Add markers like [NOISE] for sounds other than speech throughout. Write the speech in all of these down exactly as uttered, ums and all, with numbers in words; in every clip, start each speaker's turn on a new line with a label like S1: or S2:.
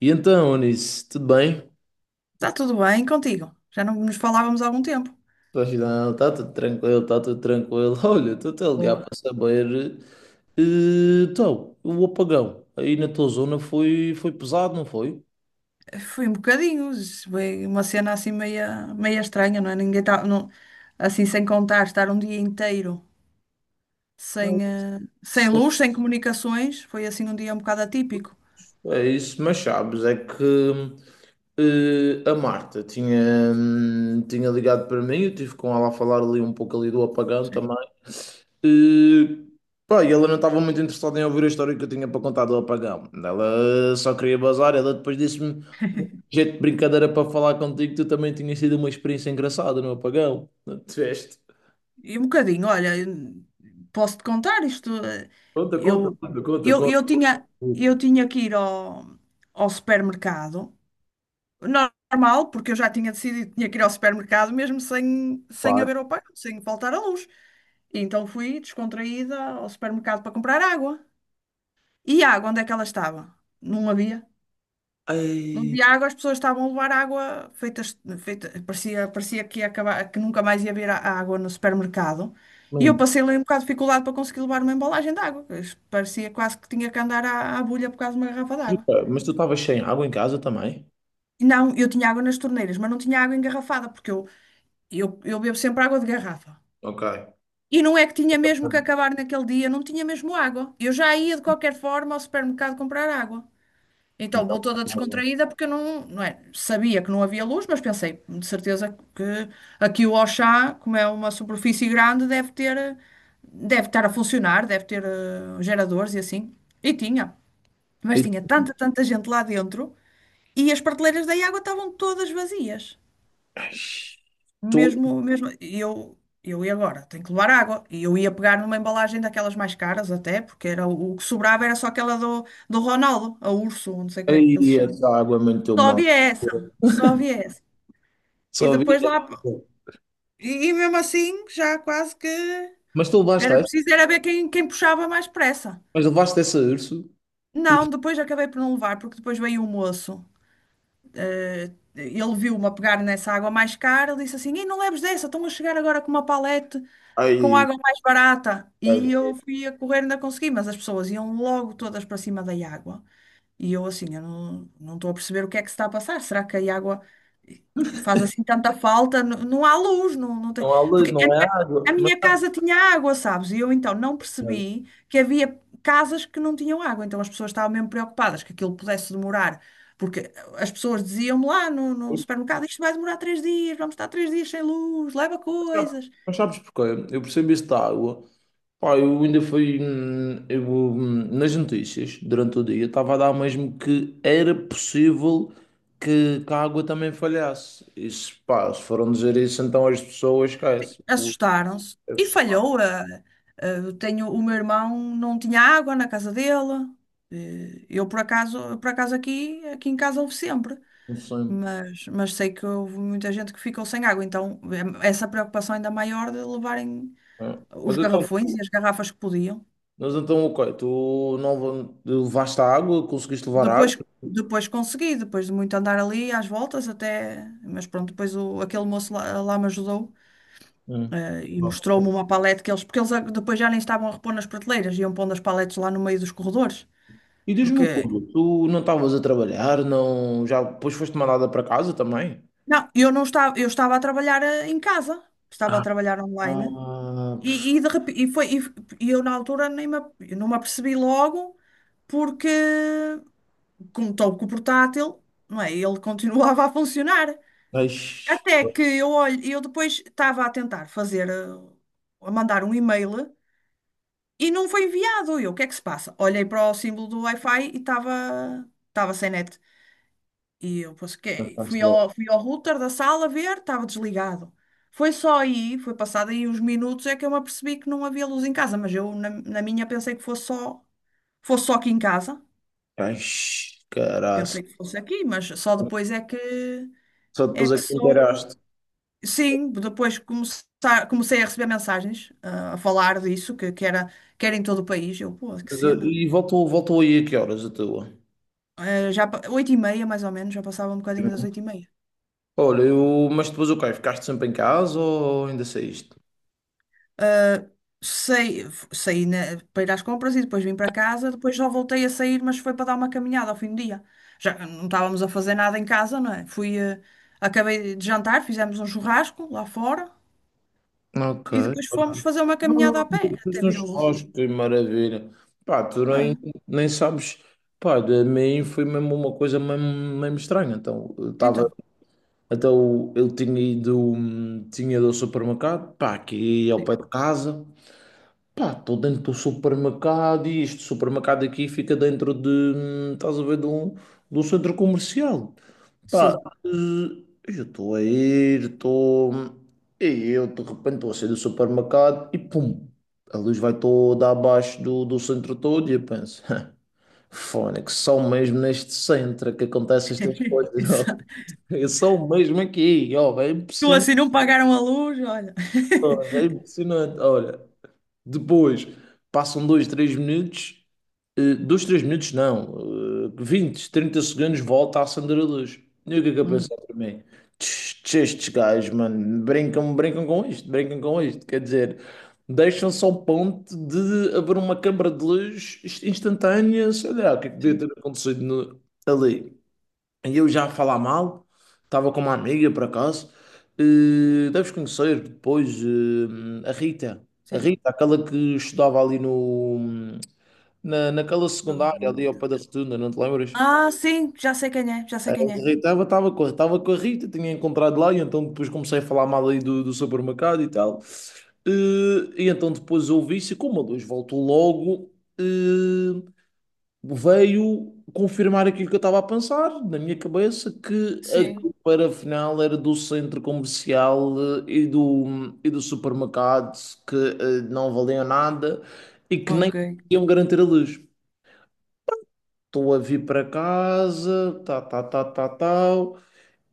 S1: E então, Onis, tudo bem?
S2: Está tudo bem contigo? Já não nos falávamos há algum tempo.
S1: Pois não, está tudo tranquilo, está tudo tranquilo. [LAUGHS] Olha, estou-te a ligar
S2: Boa.
S1: para saber. eh, Então, o apagão aí na tua zona foi, foi pesado, não foi?
S2: Foi um bocadinho, foi uma cena assim meia, meia estranha, não é? Ninguém tá, não, assim sem contar, estar um dia inteiro
S1: Não.
S2: sem, eh, sem luz, sem comunicações, foi assim um dia um bocado atípico.
S1: É isso, mas sabes, é que eh, a Marta tinha, hum, tinha ligado para mim, eu tive com ela a falar ali um pouco ali do apagão
S2: Sim.
S1: também. Eh, Pá, e ela não estava muito interessada em ouvir a história que eu tinha para contar do apagão. Ela só queria bazar, ela depois disse-me, jeito de brincadeira para falar contigo, tu também tinha sido uma experiência engraçada no apagão. [LAUGHS] Não tiveste.
S2: E um bocadinho, olha, eu- posso-te contar isto? eh,
S1: Conta, conta,
S2: Eu,
S1: conta,
S2: eu,
S1: conta,
S2: eu tinha, eu
S1: conta.
S2: tinha que ir ao, ao supermercado normal, porque eu já tinha decidido que tinha que ir ao supermercado mesmo sem, sem
S1: Claro.
S2: haver ao pago, sem faltar a luz. E então fui descontraída ao supermercado para comprar água. E a água, onde é que ela estava? Não havia. Não
S1: Ai,
S2: havia água, as pessoas estavam a levar água feitas, feita, parecia, parecia que ia acabar, que nunca mais ia haver a- a água no supermercado. E eu
S1: lindo.
S2: passei ali um bocado de dificuldade para conseguir levar uma embalagem de água. Isto parecia quase que tinha que andar à, à bulha por causa de uma garrafa de água.
S1: Mas tu estavas sem água em casa também?
S2: E não, eu tinha água nas torneiras, mas não tinha água engarrafada, porque eu Eu, eu bebo sempre água de garrafa.
S1: Ok.
S2: E não é que tinha mesmo que acabar naquele dia, não tinha mesmo água. Eu já ia de qualquer forma ao supermercado comprar água. Então vou
S1: Então,
S2: toda descontraída porque eu não, não é, sabia que não havia luz, mas pensei, de certeza que aqui o Auchan, como é uma superfície grande, deve ter, eh, deve estar a funcionar, deve ter eh, geradores e assim. E tinha. Mas
S1: e
S2: tinha tanta, tanta gente lá dentro e as prateleiras da água estavam todas vazias.
S1: tu,
S2: Mesmo, mesmo, e eu, eu ia agora, tenho que levar água. E eu ia pegar numa embalagem daquelas mais caras até, porque era o, o que sobrava era só aquela do, do Ronaldo, a Urso, não sei como é que ele se
S1: aí
S2: chama.
S1: essa água muito
S2: Só
S1: mal.
S2: havia essa, só havia essa. E
S1: Só vi.
S2: depois lá, e, e mesmo assim, já quase que
S1: Mas tu levaste
S2: era
S1: essa?
S2: preciso era ver quem, quem puxava mais pressa.
S1: Mas levaste essa urso.
S2: Não,
S1: Urso.
S2: depois acabei por não levar, porque depois veio o moço. Eh, ele viu-me a pegar nessa água mais cara, ele disse assim: Ei, não leves dessa, estão a chegar agora com uma palete com
S1: Aí,
S2: água mais barata. E eu fui a correr, ainda consegui, mas as pessoas iam logo todas para cima da água. E eu assim, eu não, não estou a perceber o que é que se está a passar. Será que a água faz assim tanta falta? N- Não, há luz, não, não tem...
S1: não há lei,
S2: Porque a
S1: não é
S2: minha, a
S1: água. Mas,
S2: minha casa tinha água, sabes? E eu então não
S1: mas
S2: percebi que havia casas que não tinham água. Então as pessoas estavam mesmo preocupadas que aquilo pudesse demorar. Porque as pessoas diziam-me lá no, no supermercado, isto vai demorar três dias, vamos estar três dias sem luz, leva
S1: sabe-
S2: coisas.
S1: mas sabes porquê? Eu percebi esta água. Pá, eu ainda fui, hum, eu, hum, nas notícias durante o dia. Estava a dar mesmo que era possível que, que a água também falhasse. Isso, pá, se foram dizer isso, então as pessoas esquecem.
S2: Assustaram-se e falhou. A- a- eu tenho, o meu irmão não tinha água na casa dele. Eh, Eu por acaso, por acaso aqui, aqui em casa houve sempre,
S1: Um sonho.
S2: mas, mas sei que houve muita gente que ficou sem água, então eh, essa preocupação ainda maior de levarem
S1: É. Mas
S2: os
S1: então,
S2: garrafões e as garrafas que podiam.
S1: mas então, ok, tu não va- levaste a água, conseguiste levar a água.
S2: Depois, depois consegui, depois de muito andar ali às voltas até, mas pronto, depois o, aquele moço lá, lá me ajudou.
S1: Hum.
S2: Eh, e
S1: Bom.
S2: mostrou-me uma palete que eles, porque eles a- depois já nem estavam a repor nas prateleiras, iam pondo as paletes lá no meio dos corredores.
S1: E diz-me
S2: Porque,
S1: uma coisa, tu não estavas a trabalhar, não, já depois foste mandada para casa também?
S2: não, eu não estava, eu estava a trabalhar eh, em casa, estava a
S1: Ah,
S2: trabalhar online.
S1: ah,
S2: E, e, de repe- e foi, e, f- e eu na altura nem me, ap- eu não me apercebi logo, porque como estou com o portátil, não é? Ele [LAUGHS] continuava a funcionar.
S1: Eish,
S2: Até que eu olho, eu depois estava a tentar fazer, eh, a mandar um e-mail e não foi enviado. E eu, o que é que se passa? Olhei para o símbolo do Wi-Fi e estava estava sem net. E eu pensei, fui
S1: ficaste logo.
S2: ao, fui ao router da sala ver, estava desligado. Foi só aí, foi passado aí uns minutos, é que eu me apercebi que não havia luz em casa, mas eu na, na minha pensei que fosse só, fosse só aqui em casa.
S1: Eish, caraças.
S2: Pensei que fosse aqui, mas só depois é que
S1: Só
S2: é
S1: depois é
S2: que
S1: que te
S2: soube.
S1: inteiraste.
S2: Sim, depois começar, comecei a receber mensagens ah, a falar disso, que, que era, que era em todo o país. Eu, pô, que
S1: Mas, eh,
S2: cena.
S1: e voltou, voltou aí a que horas a tua?
S2: Eh, já, pa- oito e meia, mais ou menos, já passava um bocadinho das oito e meia.
S1: Olha, eu, mas depois o quê? Ficaste sempre em casa ou ainda saíste?
S2: Saí, f- saí na- para ir às compras e depois vim para casa, depois já voltei a sair, mas foi para dar uma caminhada ao fim do dia. Já não estávamos a fazer nada em casa, não é? Fui, eh, acabei de jantar, fizemos um churrasco lá fora
S1: Ok.
S2: e depois fomos fazer uma caminhada
S1: Oh,
S2: a pé
S1: depois
S2: até
S1: no
S2: vir a luz.
S1: churrasco, que maravilha. Pá, tu
S2: Ah,
S1: nem, nem sabes. Pá, de mim foi mesmo uma coisa mesmo, mesmo estranha. Então, eu estava.
S2: então,
S1: Então, eu tinha ido. hum, Tinha ido ao supermercado, pá, aqui ao
S2: sim,
S1: pé de casa. Pá, estou dentro do supermercado e este supermercado aqui fica dentro de. hum, Estás a ver, de um, de um centro comercial. Pá,
S2: sim.
S1: eh, eu estou a ir, estou. E eu de repente estou a sair do supermercado e pum! A luz vai toda abaixo do, do centro todo e eu penso, [LAUGHS] fone, que são mesmo neste centro que acontecem estas
S2: [LAUGHS]
S1: coisas. Ó. [LAUGHS]
S2: Exato.
S1: Eu sou mesmo aqui, ó, é
S2: Tu
S1: impressionante,
S2: assim não pagaram a luz, olha. [LAUGHS]
S1: ó, é impressionante. Olha, depois passam dois, três minutos, eh, dois, três minutos não, eh, vinte, trinta segundos, volta a acender a luz. E o que é que eu
S2: Hum,
S1: pensar para mim? Tch, tch, estes gajos, mano, brincam, brincam com isto, brincam com isto. Quer dizer, deixam-se ao ponto de haver uma câmara de luz inst- instantânea, sei lá, o que é que devia
S2: sim,
S1: ter acontecido no- ali. E eu já a falar mal, estava com uma amiga por acaso, eh, deves conhecer depois eh, a Rita, a
S2: sim.
S1: Rita, aquela que estudava ali no, na, naquela secundária, ali ao pé da Rotunda, não te lembras?
S2: Ah, sim, já sei quem é, já sei
S1: A
S2: quem é.
S1: Rita estava com, estava com a Rita, tinha encontrado lá, e então depois comecei a falar mal aí do, do supermercado e tal. Eh, E, então depois ouvi-se, como a luz voltou logo, eh, veio confirmar aquilo que eu estava a pensar na minha cabeça, que a
S2: Sim.
S1: para final era do centro comercial eh, e do, e do supermercado que eh, não valiam nada e que nem
S2: Ok.
S1: iam garantir a luz. Estou a vir para casa, tá, tá, tá, tá, tal,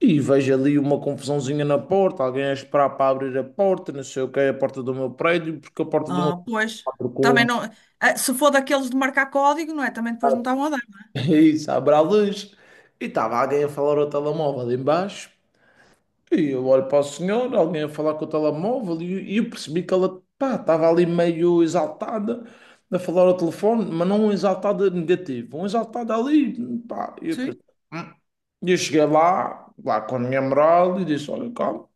S1: e vejo ali uma confusãozinha na porta, alguém a esperar para abrir a porta, não sei o que é a porta do meu prédio, porque a porta do meu
S2: Ah, pois.
S1: prédio com
S2: Também
S1: um
S2: não. ah, Se for daqueles de marcar código, não é? Também depois não estavam a dar.
S1: [LAUGHS] isso, abre a luz. E estava alguém a falar ao telemóvel ali embaixo. E eu olho para o senhor, alguém a falar com o telemóvel, e, e eu percebi que ela, pá, estava ali meio exaltada a falar ao telefone, mas não um exaltada negativo, um exaltada ali, pá. E eu, pensei,
S2: Sim.
S1: "Hum." E eu cheguei lá, lá com a minha moral, e disse: Olha, calma.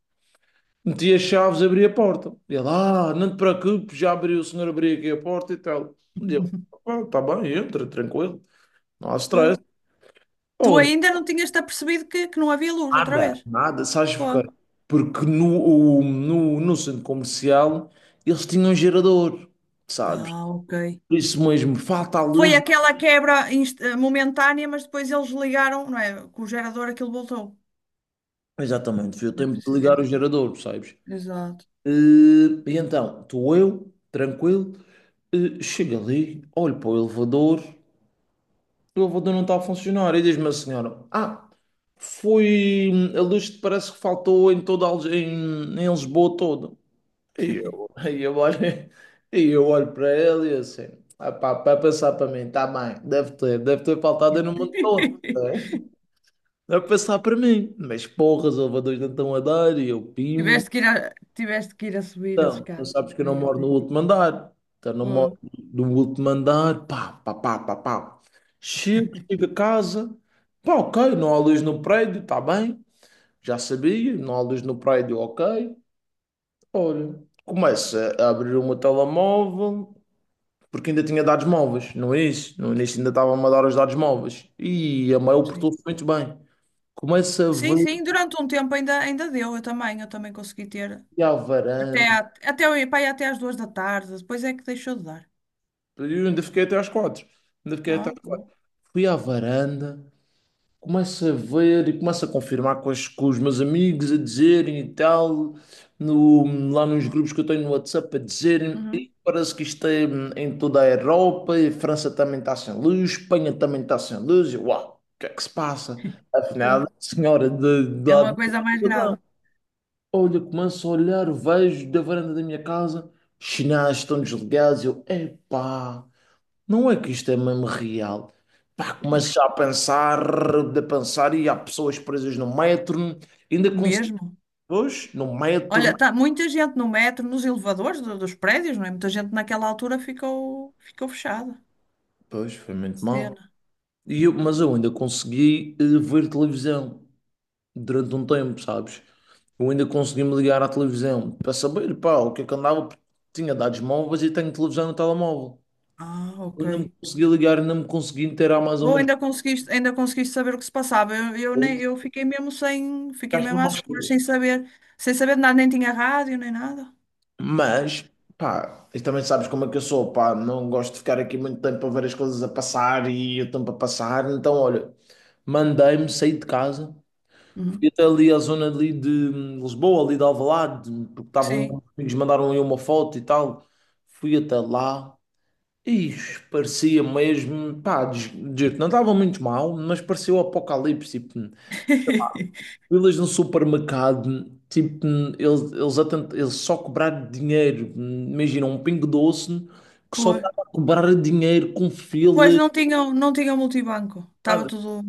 S1: Meti as chaves, abri a porta. E ele, ah, não te preocupes, já abriu, o senhor abriu aqui a porta e tal. E eu,
S2: [LAUGHS]
S1: ah, tá bem, entra, tranquilo, não há stress.
S2: Pô. Tu ainda não tinhas-te apercebido que, que não havia luz outra
S1: Nada,
S2: vez?
S1: nada, sabes
S2: Pô.
S1: porquê? Porque no, o- no, no centro comercial eles tinham um gerador, sabes?
S2: Ah, ok.
S1: Por isso mesmo, falta a
S2: Foi
S1: luz.
S2: aquela quebra inst- eh, momentânea, mas depois eles ligaram, não é? Com o gerador aquilo voltou.
S1: Exatamente, foi o
S2: É
S1: tempo de
S2: preciso
S1: ligar o
S2: isso.
S1: gerador, sabes?
S2: Exato.
S1: Eh, E, então, estou eu, tranquilo, eh, chego ali, olho para o elevador, o elevador não está a funcionar. E diz-me a senhora: Ah, foi. hum, A luz parece que faltou em toda a, Lis- em, em Lisboa toda. E eu, [LAUGHS] e eu olho, [LAUGHS] e eu olho para ele e assim, ah pá, para pensar para mim, tá bem, deve ter, deve ter faltado aí no mundo todo. Né?
S2: [LAUGHS]
S1: Deve pensar para mim, mas porras, elevadores não estão a dar e eu pimo.
S2: Tiveste que ir a, tiveste que ir a subir a
S1: Então, tu
S2: escada.
S1: sabes que eu não
S2: Meu
S1: moro no
S2: Deus.
S1: último andar, então não
S2: Boa.
S1: moro no último andar, pá, pá, pá, pá, pá. Chego, chego a casa, pá, ok, não há luz no prédio, tá bem, já sabia, não há luz no prédio, ok. Olha, começo a abrir o meu telemóvel. Porque ainda tinha dados móveis no início. No início ainda estava a dar os dados móveis. E a Mail
S2: Sim.
S1: portou-se muito bem. Começo a
S2: Sim,
S1: ver,
S2: sim, durante um tempo ainda, ainda deu, eu também, eu também consegui ter.
S1: fui à varanda.
S2: Até, à- até, o- Pá, e até às duas da tarde, depois é que deixou de dar.
S1: Eu ainda fiquei até às quatro. Ainda fiquei até
S2: Ó,
S1: às
S2: boa.
S1: quatro. Fui à varanda, começo a ver e começo a confirmar com, as- com os meus amigos a dizerem e tal, no- lá nos grupos que eu tenho no WhatsApp a dizerem, e
S2: Uhum.
S1: parece que isto é hum, em toda a Europa, e a França também está sem luz, Espanha também está sem luz, e eu, uau, o que é que se passa? Afinal, a
S2: Pô,
S1: senhora de, de,
S2: é
S1: lá de.
S2: uma coisa mais grave.
S1: Olha, começo a olhar, vejo da varanda da minha casa, os sinais estão desligados, eu, epá. Não é que isto é mesmo real. Pá, começas a pensar, a pensar, e há pessoas presas no metro, ainda consegui,
S2: Mesmo.
S1: pois, no metro,
S2: Olha, tá muita gente no metro, nos elevadores do- dos prédios, não é? Muita gente naquela altura ficou, ficou fechada.
S1: pois, foi muito mal.
S2: Cena.
S1: E eu- mas eu ainda consegui eh, ver televisão durante um tempo, sabes? Eu ainda consegui me ligar à televisão para saber, pá, o que é que andava, porque tinha dados móveis e tenho televisão no telemóvel.
S2: Ah,
S1: Eu
S2: ok.
S1: ainda me consegui ligar, ainda me consegui inteirar mais ou
S2: Bom,
S1: menos.
S2: ainda conseguiste, ainda conseguiste saber o que se passava. Eu, eu, nem, eu fiquei mesmo sem, fiquei
S1: Gasto-me
S2: mesmo às escuras,
S1: mais.
S2: sem saber, sem saber de nada, nem tinha rádio, nem nada.
S1: Mas, pá, e também sabes como é que eu sou, pá, não gosto de ficar aqui muito tempo a ver as coisas a passar e o tempo a passar. Então, olha, mandei-me, saí de casa,
S2: Uhum.
S1: fui até ali à zona ali de hum, Lisboa, ali de Alvalade, porque estavam, os
S2: Sim.
S1: amigos mandaram aí uma foto e tal. Fui até lá e parecia mesmo, pá, des- des- não estava muito mal, mas parecia o apocalipse. Tipo,
S2: [LAUGHS]
S1: filas no supermercado, tipo, eles, eles, a eles só cobraram dinheiro. Imagina, um Pingo Doce que só
S2: Pô.
S1: estava a cobrar dinheiro com
S2: Pois
S1: filas,
S2: não tinham, não tinham multibanco. Estava
S1: nada.
S2: tudo,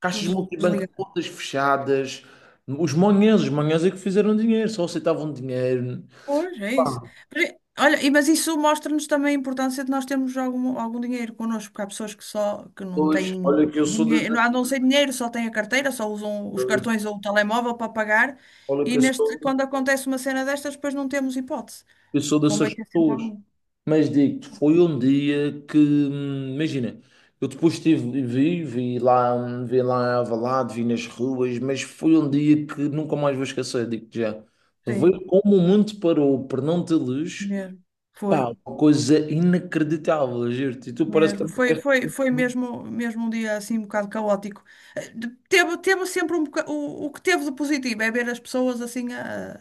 S1: Caixas
S2: tudo
S1: multibanco
S2: desligado.
S1: todas fechadas. Os manhãs, os manhãs é que fizeram dinheiro, só aceitavam dinheiro.
S2: Pois, é isso.
S1: Pá,
S2: Mas, é- olha, e- mas isso mostra-nos também a importância de nós termos algum, algum dinheiro connosco, porque há pessoas que só que não
S1: pois,
S2: têm
S1: olha que eu sou de,
S2: dinheiro, não andam sem dinheiro, só têm a carteira, só usam os
S1: de-
S2: cartões ou o telemóvel para pagar,
S1: olha que
S2: e
S1: eu
S2: neste,
S1: sou,
S2: quando acontece uma cena destas, depois não temos hipótese.
S1: eu sou
S2: Convém
S1: dessas
S2: ter sempre
S1: pessoas.
S2: algum.
S1: Mas digo-te, foi um dia que, hum, imagina, eu depois estive, vi, vi lá, hum, vi lá em Alvalade, vi nas ruas, mas foi um dia que nunca mais vou esquecer, digo-te já.
S2: Sim,
S1: Ver como o mundo parou por não ter luz,
S2: mesmo. Foi.
S1: pá, uma coisa inacreditável, juro-te. E tu parece que
S2: Mesmo,
S1: também
S2: foi,
S1: queres-
S2: foi, foi mesmo, mesmo um dia assim um bocado caótico. Eh, de- Teve, teve sempre um boca- o, o que teve de positivo é ver as pessoas assim a,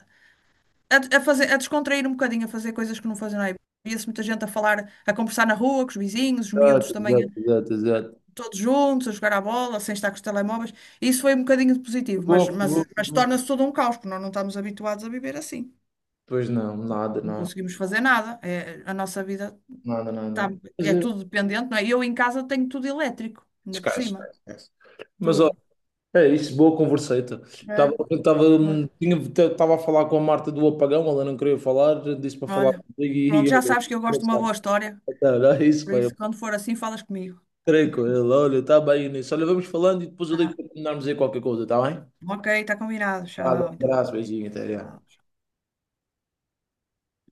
S2: a, a fazer, a descontrair um bocadinho, a fazer coisas que não fazem nada. Via-se muita gente a falar, a conversar na rua com os vizinhos, os miúdos
S1: Exato,
S2: também
S1: exato, exato, exato.
S2: todos juntos, a jogar à bola, sem estar com os telemóveis. Isso foi um bocadinho de positivo, mas,
S1: Boa,
S2: mas,
S1: boa,
S2: mas
S1: boa.
S2: torna-se todo um caos, porque nós não estamos habituados a viver assim.
S1: Pois não, nada,
S2: Não
S1: nada,
S2: conseguimos fazer nada. É, a nossa vida
S1: nada,
S2: tá-
S1: nada. Mas
S2: é
S1: é,
S2: tudo dependente, não é? Eu em casa tenho tudo elétrico, ainda por
S1: esquece, esquece,
S2: cima.
S1: esquece. Mas olha,
S2: Tudo.
S1: é isso, boa converseta. Estava,
S2: É,
S1: estava
S2: olha,
S1: tinha- estava a falar com a Marta do apagão, ela não queria falar, disse para falar
S2: olha.
S1: comigo e
S2: Pronto, já
S1: olha,
S2: sabes que eu gosto de uma
S1: engraçado.
S2: boa história.
S1: Então, é isso,
S2: Por
S1: pai.
S2: isso,
S1: Eu
S2: quando for assim, falas comigo.
S1: treino com ele, olha, está bem, Inês. Olha, vamos falando e depois eu digo
S2: Tá?
S1: para terminarmos aí qualquer coisa, está bem?
S2: Ok, está combinado.
S1: Tá, um
S2: Tchau, então.
S1: abraço, beijinho, até já.
S2: Tchau.